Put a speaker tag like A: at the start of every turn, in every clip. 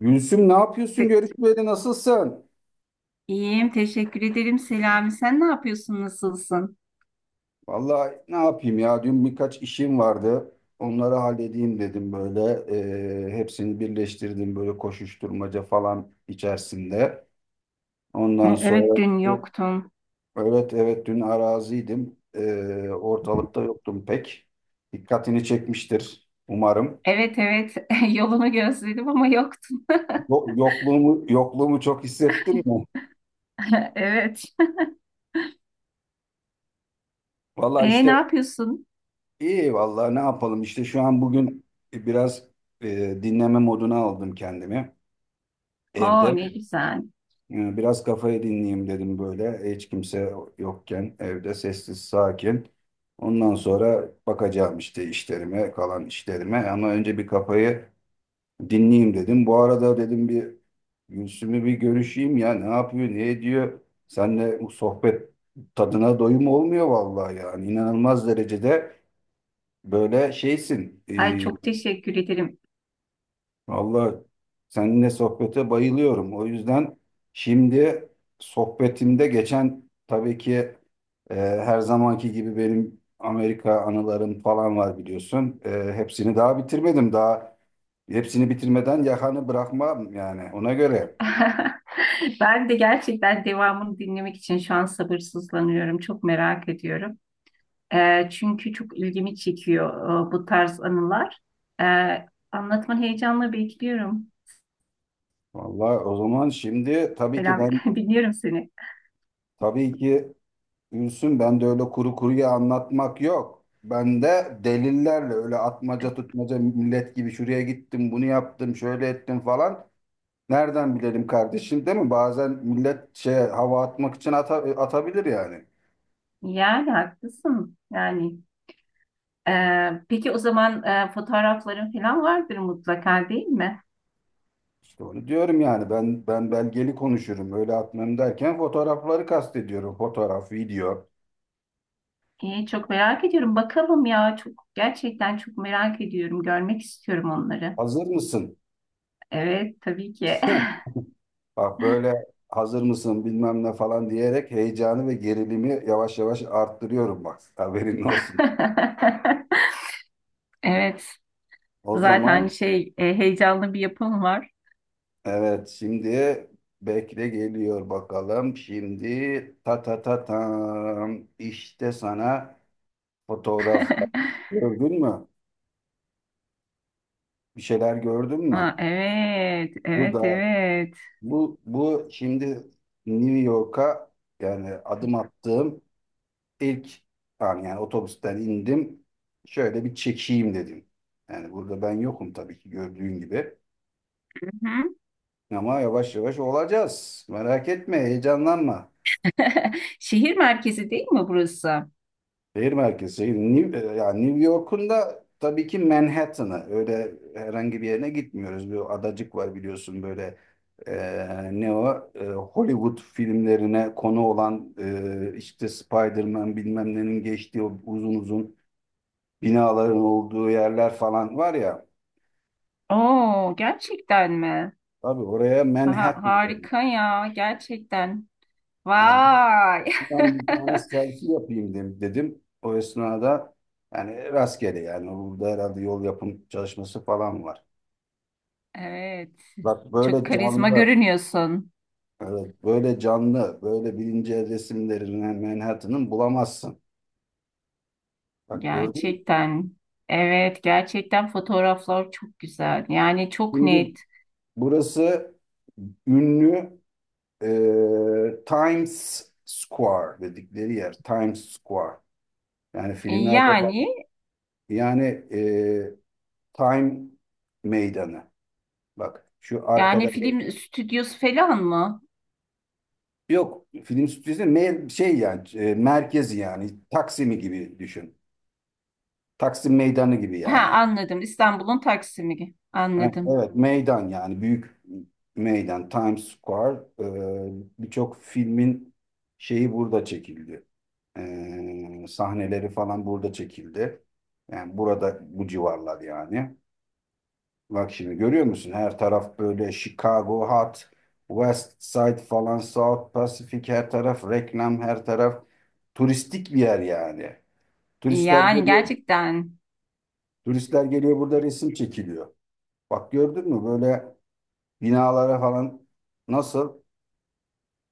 A: Gülsüm ne yapıyorsun?
B: Se-
A: Görüşmeyeli nasılsın?
B: İyiyim, teşekkür ederim Selami. Sen ne yapıyorsun, nasılsın?
A: Vallahi ne yapayım ya? Dün birkaç işim vardı. Onları halledeyim dedim böyle. Hepsini birleştirdim böyle koşuşturmaca falan içerisinde. Ondan
B: Hı, Evet,
A: sonra
B: dün yoktun.
A: evet evet dün araziydim. Ortalıkta yoktum pek. Dikkatini çekmiştir umarım.
B: Evet, evet, yolunu gözledim ama yoktun.
A: Yo- Yokluğumu yokluğumu çok hissettin mi?
B: Evet.
A: Vallahi
B: Ne
A: işte.
B: yapıyorsun?
A: İyi vallahi ne yapalım işte şu an bugün biraz dinleme moduna aldım kendimi
B: Oo,
A: evde.
B: ne güzel.
A: Biraz kafayı dinleyeyim dedim böyle hiç kimse yokken evde sessiz sakin. Ondan sonra bakacağım işte işlerime kalan işlerime, ama önce bir kafayı dinleyeyim dedim. Bu arada dedim bir Gülsüm'ü bir görüşeyim ya, ne yapıyor ne ediyor. Seninle bu sohbet tadına doyum olmuyor vallahi, yani inanılmaz derecede böyle şeysin.
B: Ay çok teşekkür ederim.
A: Vallahi seninle sohbete bayılıyorum. O yüzden şimdi sohbetimde geçen tabii ki her zamanki gibi benim Amerika anılarım falan var biliyorsun. Hepsini daha bitirmedim. Daha hepsini bitirmeden yakanı bırakmam yani, ona göre.
B: Ben de gerçekten devamını dinlemek için şu an sabırsızlanıyorum. Çok merak ediyorum. Çünkü çok ilgimi çekiyor bu tarz anılar. E, Anlatmanı heyecanla bekliyorum.
A: Vallahi o zaman şimdi tabii ki
B: Selam,
A: ben,
B: dinliyorum seni.
A: tabii ki Gülsün, ben de öyle kuru kuruya anlatmak yok. Ben de delillerle, öyle atmaca tutmaca millet gibi şuraya gittim bunu yaptım şöyle ettim falan. Nereden bilelim kardeşim, değil mi? Bazen millet şey, hava atmak için atabilir yani.
B: Yani haklısın. Yani peki o zaman fotoğrafların falan vardır mutlaka değil mi?
A: İşte onu diyorum yani, ben belgeli konuşurum, öyle atmam derken fotoğrafları kastediyorum. Fotoğraf, video.
B: İyi, çok merak ediyorum. Bakalım ya çok gerçekten çok merak ediyorum. Görmek istiyorum onları.
A: Hazır mısın?
B: Evet tabii ki.
A: Bak, böyle hazır mısın bilmem ne falan diyerek heyecanı ve gerilimi yavaş yavaş arttırıyorum bak. Haberin olsun.
B: Evet
A: O zaman
B: zaten heyecanlı bir yapım var.
A: evet şimdi bekle, geliyor bakalım. Şimdi ta ta ta tam işte sana fotoğraf, gördün mü? Bir şeyler gördün mü?
B: Aa, evet,
A: Bu
B: evet,
A: da,
B: evet.
A: bu şimdi New York'a, yani adım attığım ilk an, yani otobüsten indim. Şöyle bir çekeyim dedim. Yani burada ben yokum tabii ki, gördüğün gibi.
B: Hı hı.
A: Ama yavaş yavaş olacağız. Merak etme, heyecanlanma.
B: Şehir merkezi değil mi burası?
A: Şehir merkezi, şehir. Yani New York'un da tabii ki Manhattan'ı. Öyle herhangi bir yerine gitmiyoruz. Bir adacık var biliyorsun böyle, ne o, Hollywood filmlerine konu olan işte Spider-Man bilmem nenin geçtiği o uzun uzun binaların olduğu yerler falan var ya.
B: Oo, gerçekten mi?
A: Tabii oraya,
B: Aha,
A: Manhattan dedim.
B: harika ya, gerçekten.
A: Abi,
B: Vay.
A: buradan bir tane selfie yapayım dedim. O esnada yani rastgele, yani burada herhalde yol yapım çalışması falan var.
B: Evet.
A: Bak
B: Çok
A: böyle
B: karizma
A: canlı,
B: görünüyorsun.
A: evet, böyle canlı, böyle bilince resimlerini Manhattan'ın bulamazsın. Bak gördün mü?
B: Gerçekten. Evet, gerçekten fotoğraflar çok güzel. Yani çok
A: Şimdi
B: net.
A: burası ünlü Times Square dedikleri yer. Times Square. Yani filmlerde falan,
B: Yani
A: yani e, Time Meydanı. Bak şu
B: yani
A: arkada,
B: film stüdyosu falan mı?
A: yok film stüdyosu şey yani merkezi, yani Taksim'i gibi düşün. Taksim Meydanı gibi
B: Ha
A: yani.
B: anladım. İstanbul'un Taksim'i.
A: Ha,
B: Anladım.
A: evet, meydan yani, büyük meydan Times Square. Birçok filmin şeyi burada çekildi. Sahneleri falan burada çekildi. Yani burada, bu civarlar yani. Bak şimdi görüyor musun? Her taraf böyle Chicago Hot, West Side falan, South Pacific, her taraf reklam, her taraf turistik bir yer yani. Turistler
B: Yani
A: geliyor,
B: gerçekten.
A: turistler geliyor, burada resim çekiliyor. Bak gördün mü böyle binalara falan nasıl?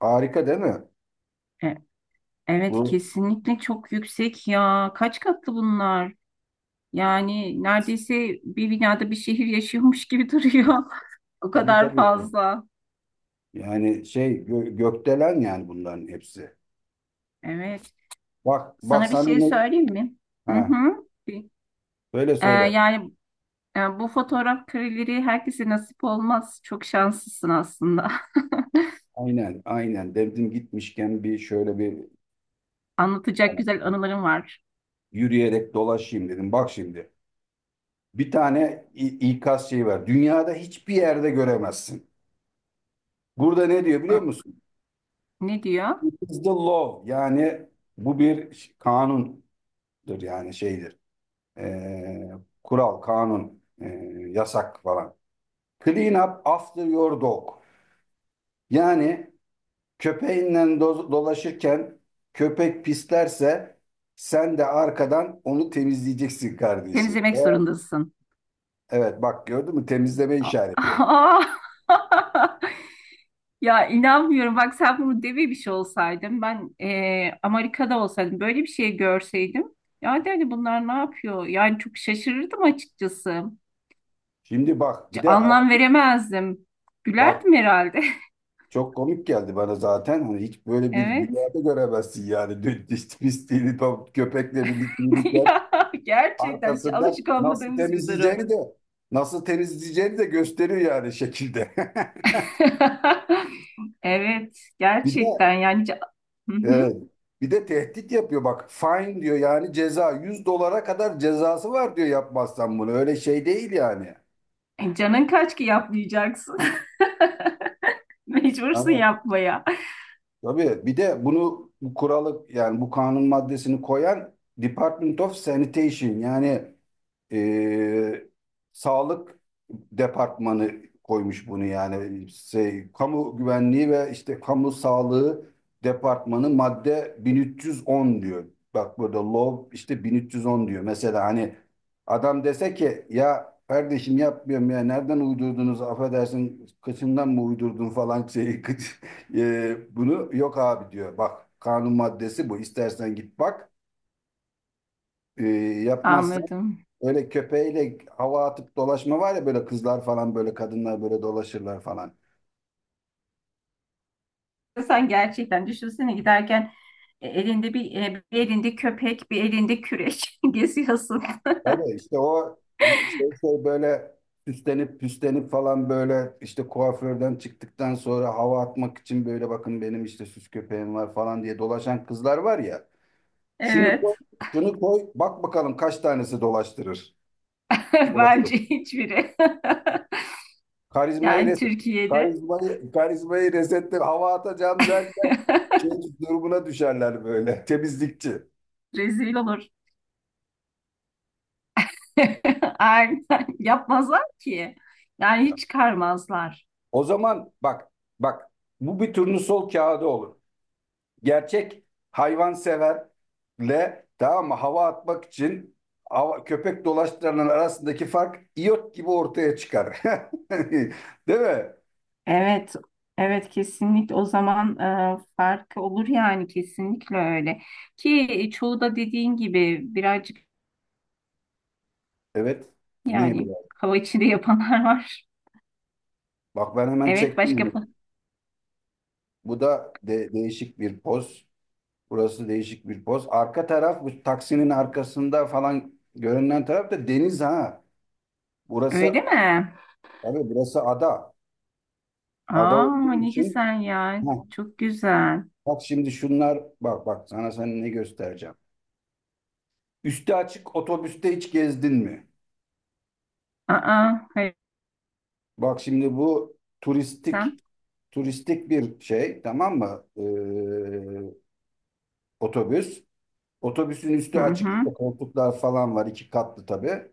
A: Harika değil mi?
B: E- Evet
A: Bu
B: kesinlikle çok yüksek ya. Kaç katlı bunlar? Yani neredeyse bir binada bir şehir yaşıyormuş gibi duruyor. O
A: tabii
B: kadar
A: tabii.
B: fazla.
A: Yani şey, gökdelen yani bunların hepsi.
B: Evet.
A: Bak bak
B: Sana bir
A: sana
B: şey
A: ne?
B: söyleyeyim mi? Hı
A: Ha,
B: hı.
A: söyle
B: E,
A: söyle.
B: yani Bu fotoğraf kareleri herkese nasip olmaz. Çok şanslısın aslında.
A: Aynen aynen, dedim gitmişken bir şöyle bir,
B: Anlatacak
A: yani
B: güzel anılarım var.
A: yürüyerek dolaşayım dedim. Bak şimdi bir tane ikaz şeyi var. Dünyada hiçbir yerde göremezsin. Burada ne diyor biliyor
B: E,
A: musun?
B: Ne diyor?
A: It is the law. Yani bu bir kanundur, yani şeydir. e, Kural, kanun, yasak falan. Clean up after your dog. Yani köpeğinle dolaşırken köpek pislerse sen de arkadan onu temizleyeceksin kardeşim.
B: Temizlemek
A: Evet,
B: zorundasın.
A: evet, bak gördün mü temizleme
B: A-
A: işareti.
B: Aa! Ya inanmıyorum. Bak sen bunu devi bir şey olsaydın ben Amerika'da olsaydım böyle bir şey görseydim ya de hani bunlar ne yapıyor? Yani çok şaşırırdım açıkçası.
A: Şimdi bak bir
B: Hiç
A: de
B: anlam veremezdim.
A: bak,
B: Gülerdim herhalde.
A: çok komik geldi bana zaten. Hani hiç böyle bir
B: Evet.
A: dünyada göremezsin yani. Pisliğini tam köpekle birlikte yürürken
B: Ya gerçekten hiç
A: arkasından
B: alışık
A: nasıl
B: olmadığımız bir
A: temizleyeceğini de
B: durum.
A: gösteriyor yani şekilde.
B: Evet,
A: Bir de
B: gerçekten yani hı
A: evet,
B: hı.
A: bir de tehdit yapıyor bak. Fine diyor yani, ceza 100 dolara kadar cezası var diyor yapmazsan bunu. Öyle şey değil yani.
B: Canın kaç ki yapmayacaksın. Mecbursun
A: Hani,
B: yapmaya.
A: tabii bir de bunu, bu kuralı yani bu kanun maddesini koyan Department of Sanitation, yani e, Sağlık Departmanı koymuş bunu, yani şey, Kamu Güvenliği ve işte Kamu Sağlığı Departmanı, madde 1310 diyor. Bak, burada law işte 1310 diyor. Mesela hani adam dese ki ya kardeşim yapmıyorum ya, nereden uydurdunuz, affedersin kıçından mı uydurdun falan şeyi, kıç. Bunu, yok abi diyor. Bak kanun maddesi bu. İstersen git bak. Ee, Yapmazsan,
B: Anladım.
A: öyle köpeğiyle hava atıp dolaşma var ya, böyle kızlar falan, böyle kadınlar böyle dolaşırlar falan.
B: Sen gerçekten düşünsene giderken elinde bir, bir elinde köpek, bir elinde küreç geziyorsun.
A: Tabii işte o şey, böyle süslenip püslenip falan, böyle işte kuaförden çıktıktan sonra hava atmak için, böyle bakın benim işte süs köpeğim var falan diye dolaşan kızlar var ya. Şunu koy,
B: Evet.
A: şunu koy bak bakalım kaç tanesi dolaştırır. Dolaşır.
B: Bence hiçbiri.
A: Karizmayı
B: Yani
A: reset,
B: Türkiye'de
A: karizmayı resetle hava atacağım derken şey durumuna düşerler böyle. Temizlikçi.
B: rezil olur. Aynen. Yapmazlar ki. Yani hiç çıkarmazlar.
A: O zaman bak, bak bu bir turnusol kağıdı olur. Gerçek hayvanseverle, tamam mı, hava atmak için köpek dolaştıranın arasındaki fark iyot gibi ortaya çıkar. Değil mi?
B: Evet. Evet kesinlikle o zaman farkı olur yani kesinlikle öyle. Ki çoğu da dediğin gibi birazcık
A: Evet. Ne
B: yani
A: bileyim.
B: hava içinde yapanlar var.
A: Bak ben hemen
B: Evet
A: çektim bunu.
B: başka.
A: Bu da değişik bir poz. Burası değişik bir poz. Arka taraf, bu taksinin arkasında falan görünen taraf da deniz ha.
B: Öyle
A: Burası,
B: mi?
A: tabii burası ada. Ada
B: Aa
A: olduğu
B: ne
A: için,
B: güzel ya.
A: heh,
B: Çok güzel.
A: bak şimdi şunlar, bak bak sana sen ne göstereceğim. Üstü açık otobüste hiç gezdin mi?
B: Aa hayır
A: Bak şimdi bu turistik,
B: sen.
A: turistik bir şey tamam mı? Otobüs. Otobüsün
B: Hı
A: üstü açık,
B: hı.
A: işte koltuklar falan var, iki katlı tabii.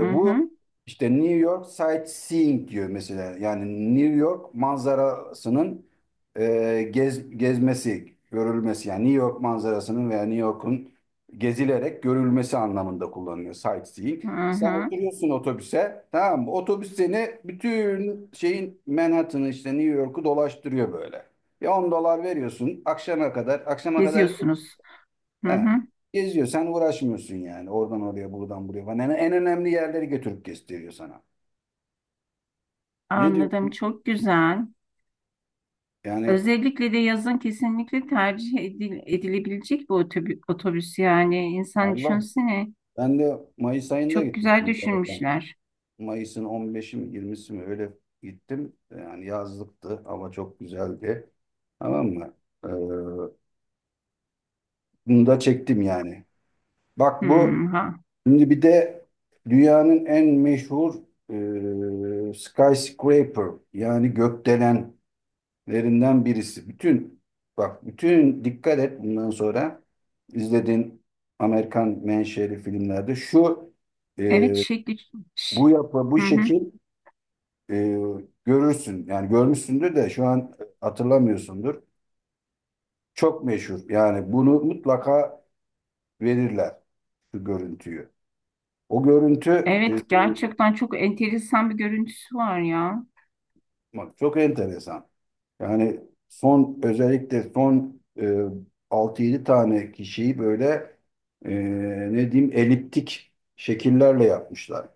B: Hı
A: Bu
B: hı.
A: işte New York sightseeing diyor mesela. Yani New York manzarasının gezmesi, görülmesi. Yani New York manzarasının veya New York'un gezilerek görülmesi anlamında kullanılıyor sightseeing.
B: Hı
A: Sen
B: hı.
A: oturuyorsun otobüse, tamam mı? Otobüs seni bütün şeyin Manhattan'ı, işte New York'u dolaştırıyor böyle. Ya 10 dolar veriyorsun, akşama kadar, akşama kadar.
B: Geziyorsunuz. Hı
A: He.
B: hı.
A: Geziyor. Sen uğraşmıyorsun yani. Oradan oraya, buradan buraya falan. En önemli yerleri götürüp gösteriyor sana. Ne
B: Anladım.
A: diyorsun?
B: Çok güzel.
A: Yani
B: Özellikle de yazın kesinlikle tercih edilebilecek bir otobüs yani. İnsan
A: Allah.
B: düşünsene.
A: Ben de Mayıs ayında
B: Çok güzel
A: gittim zaten.
B: düşünmüşler.
A: Mayıs'ın 15'i mi 20'si mi öyle gittim. Yani yazlıktı. Hava çok güzeldi. Tamam mı? Ee, Bunu da çektim yani.
B: Hı
A: Bak bu
B: ha.
A: şimdi bir de dünyanın en meşhur skyscraper, yani gökdelen lerinden birisi. Bütün, bak bütün dikkat et bundan sonra izlediğin Amerikan menşeli filmlerde şu
B: Evet
A: e,
B: şekli. Ş-
A: bu yapı bu
B: Hı hı.
A: şekil e, görürsün. Yani görmüşsündür de şu an hatırlamıyorsundur. Çok meşhur. Yani bunu mutlaka verirler şu görüntüyü. O görüntü,
B: Evet gerçekten çok enteresan bir görüntüsü var ya.
A: bak, çok enteresan. Yani son, özellikle son 6-7 tane kişiyi böyle, e, ne diyeyim, eliptik şekillerle yapmışlar.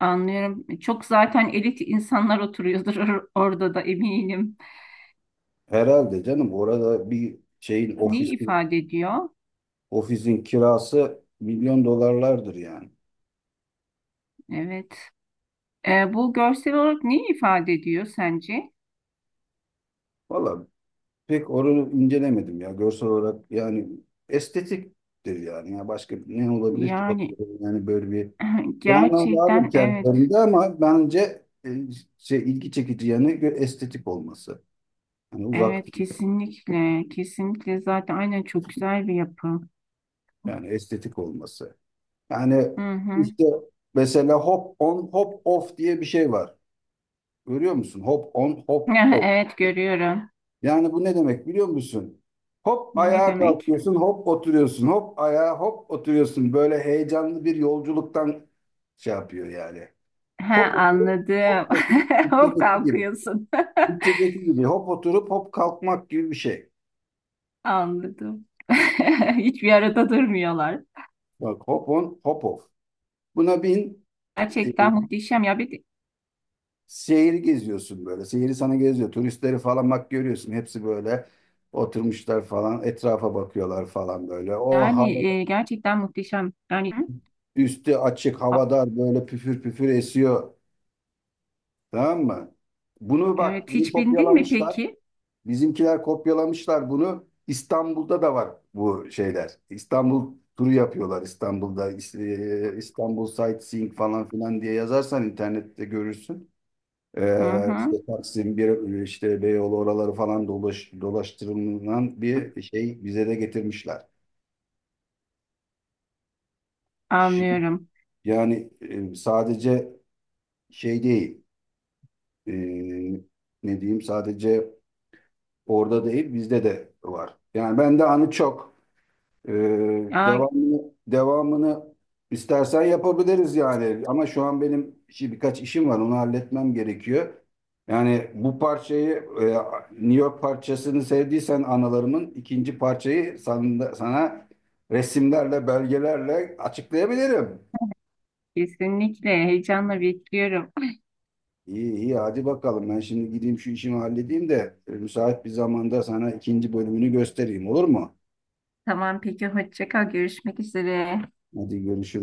B: Anlıyorum. Çok zaten elit insanlar oturuyordur orada da eminim.
A: Herhalde canım, orada bir şeyin
B: Neyi
A: ofisin
B: ifade ediyor?
A: ofisin kirası milyon dolarlardır yani.
B: Evet. Bu görsel olarak neyi ifade ediyor sence?
A: Valla pek onu incelemedim ya, görsel olarak yani estetiktir yani. Ya başka ne olabilir ki,
B: Yani
A: yani böyle bir bir anlam
B: gerçekten
A: vardır
B: evet.
A: kendilerinde, ama bence şey, ilgi çekici yanı estetik olması. Yani uzak
B: Evet
A: değil.
B: kesinlikle. Kesinlikle zaten aynen çok güzel bir yapı.
A: Yani estetik olması. Yani
B: Hı hı.
A: işte mesela hop on hop off diye bir şey var. Görüyor musun? Hop on hop off.
B: Evet görüyorum.
A: Yani bu ne demek biliyor musun? Hop
B: Ne
A: ayağa
B: demek?
A: kalkıyorsun, hop oturuyorsun, hop oturuyorsun. Böyle heyecanlı bir yolculuktan şey yapıyor yani.
B: Ha
A: Hop oturup
B: anladım.
A: Hop oturup
B: Hop
A: Türkçedeki gibi.
B: kalkıyorsun.
A: Türkçedeki gibi hop oturup hop kalkmak gibi bir şey.
B: Anladım. Hiçbir arada durmuyorlar.
A: Bak hop on hop off. Buna bin, e,
B: Gerçekten muhteşem ya. Bir de
A: şehri geziyorsun böyle. Şehri sana geziyor. Turistleri falan bak görüyorsun. Hepsi böyle oturmuşlar falan. Etrafa bakıyorlar falan böyle. O
B: yani
A: hava,
B: gerçekten muhteşem. Yani Hı?
A: üstü açık,
B: A-
A: havadar, böyle püfür püfür esiyor. Tamam mı? Bunu bak
B: evet
A: bunu
B: hiç bindin mi
A: kopyalamışlar.
B: peki?
A: Bizimkiler kopyalamışlar bunu. İstanbul'da da var bu şeyler. İstanbul turu yapıyorlar İstanbul'da. İstanbul sightseeing falan filan diye yazarsan internette görürsün.
B: Hı hı,
A: İşte Taksim, bir, işte Beyoğlu oraları falan dolaştırılan bir şey bize de getirmişler. Şimdi,
B: anlıyorum.
A: yani sadece şey değil, e, ne diyeyim, sadece orada değil bizde de var. Yani bende anı çok. Ee,
B: Ya
A: devamını istersen yapabiliriz yani. Ama şu an benim işi, birkaç işim var. Onu halletmem gerekiyor. Yani bu parçayı, e, New York parçasını sevdiysen analarımın ikinci parçayı sana resimlerle, belgelerle açıklayabilirim.
B: kesinlikle heyecanla bekliyorum.
A: İyi iyi hadi bakalım. Ben şimdi gideyim şu işimi halledeyim de müsait bir zamanda sana ikinci bölümünü göstereyim, olur mu?
B: Tamam peki hoşça kal görüşmek üzere.
A: Hadi görüşürüz.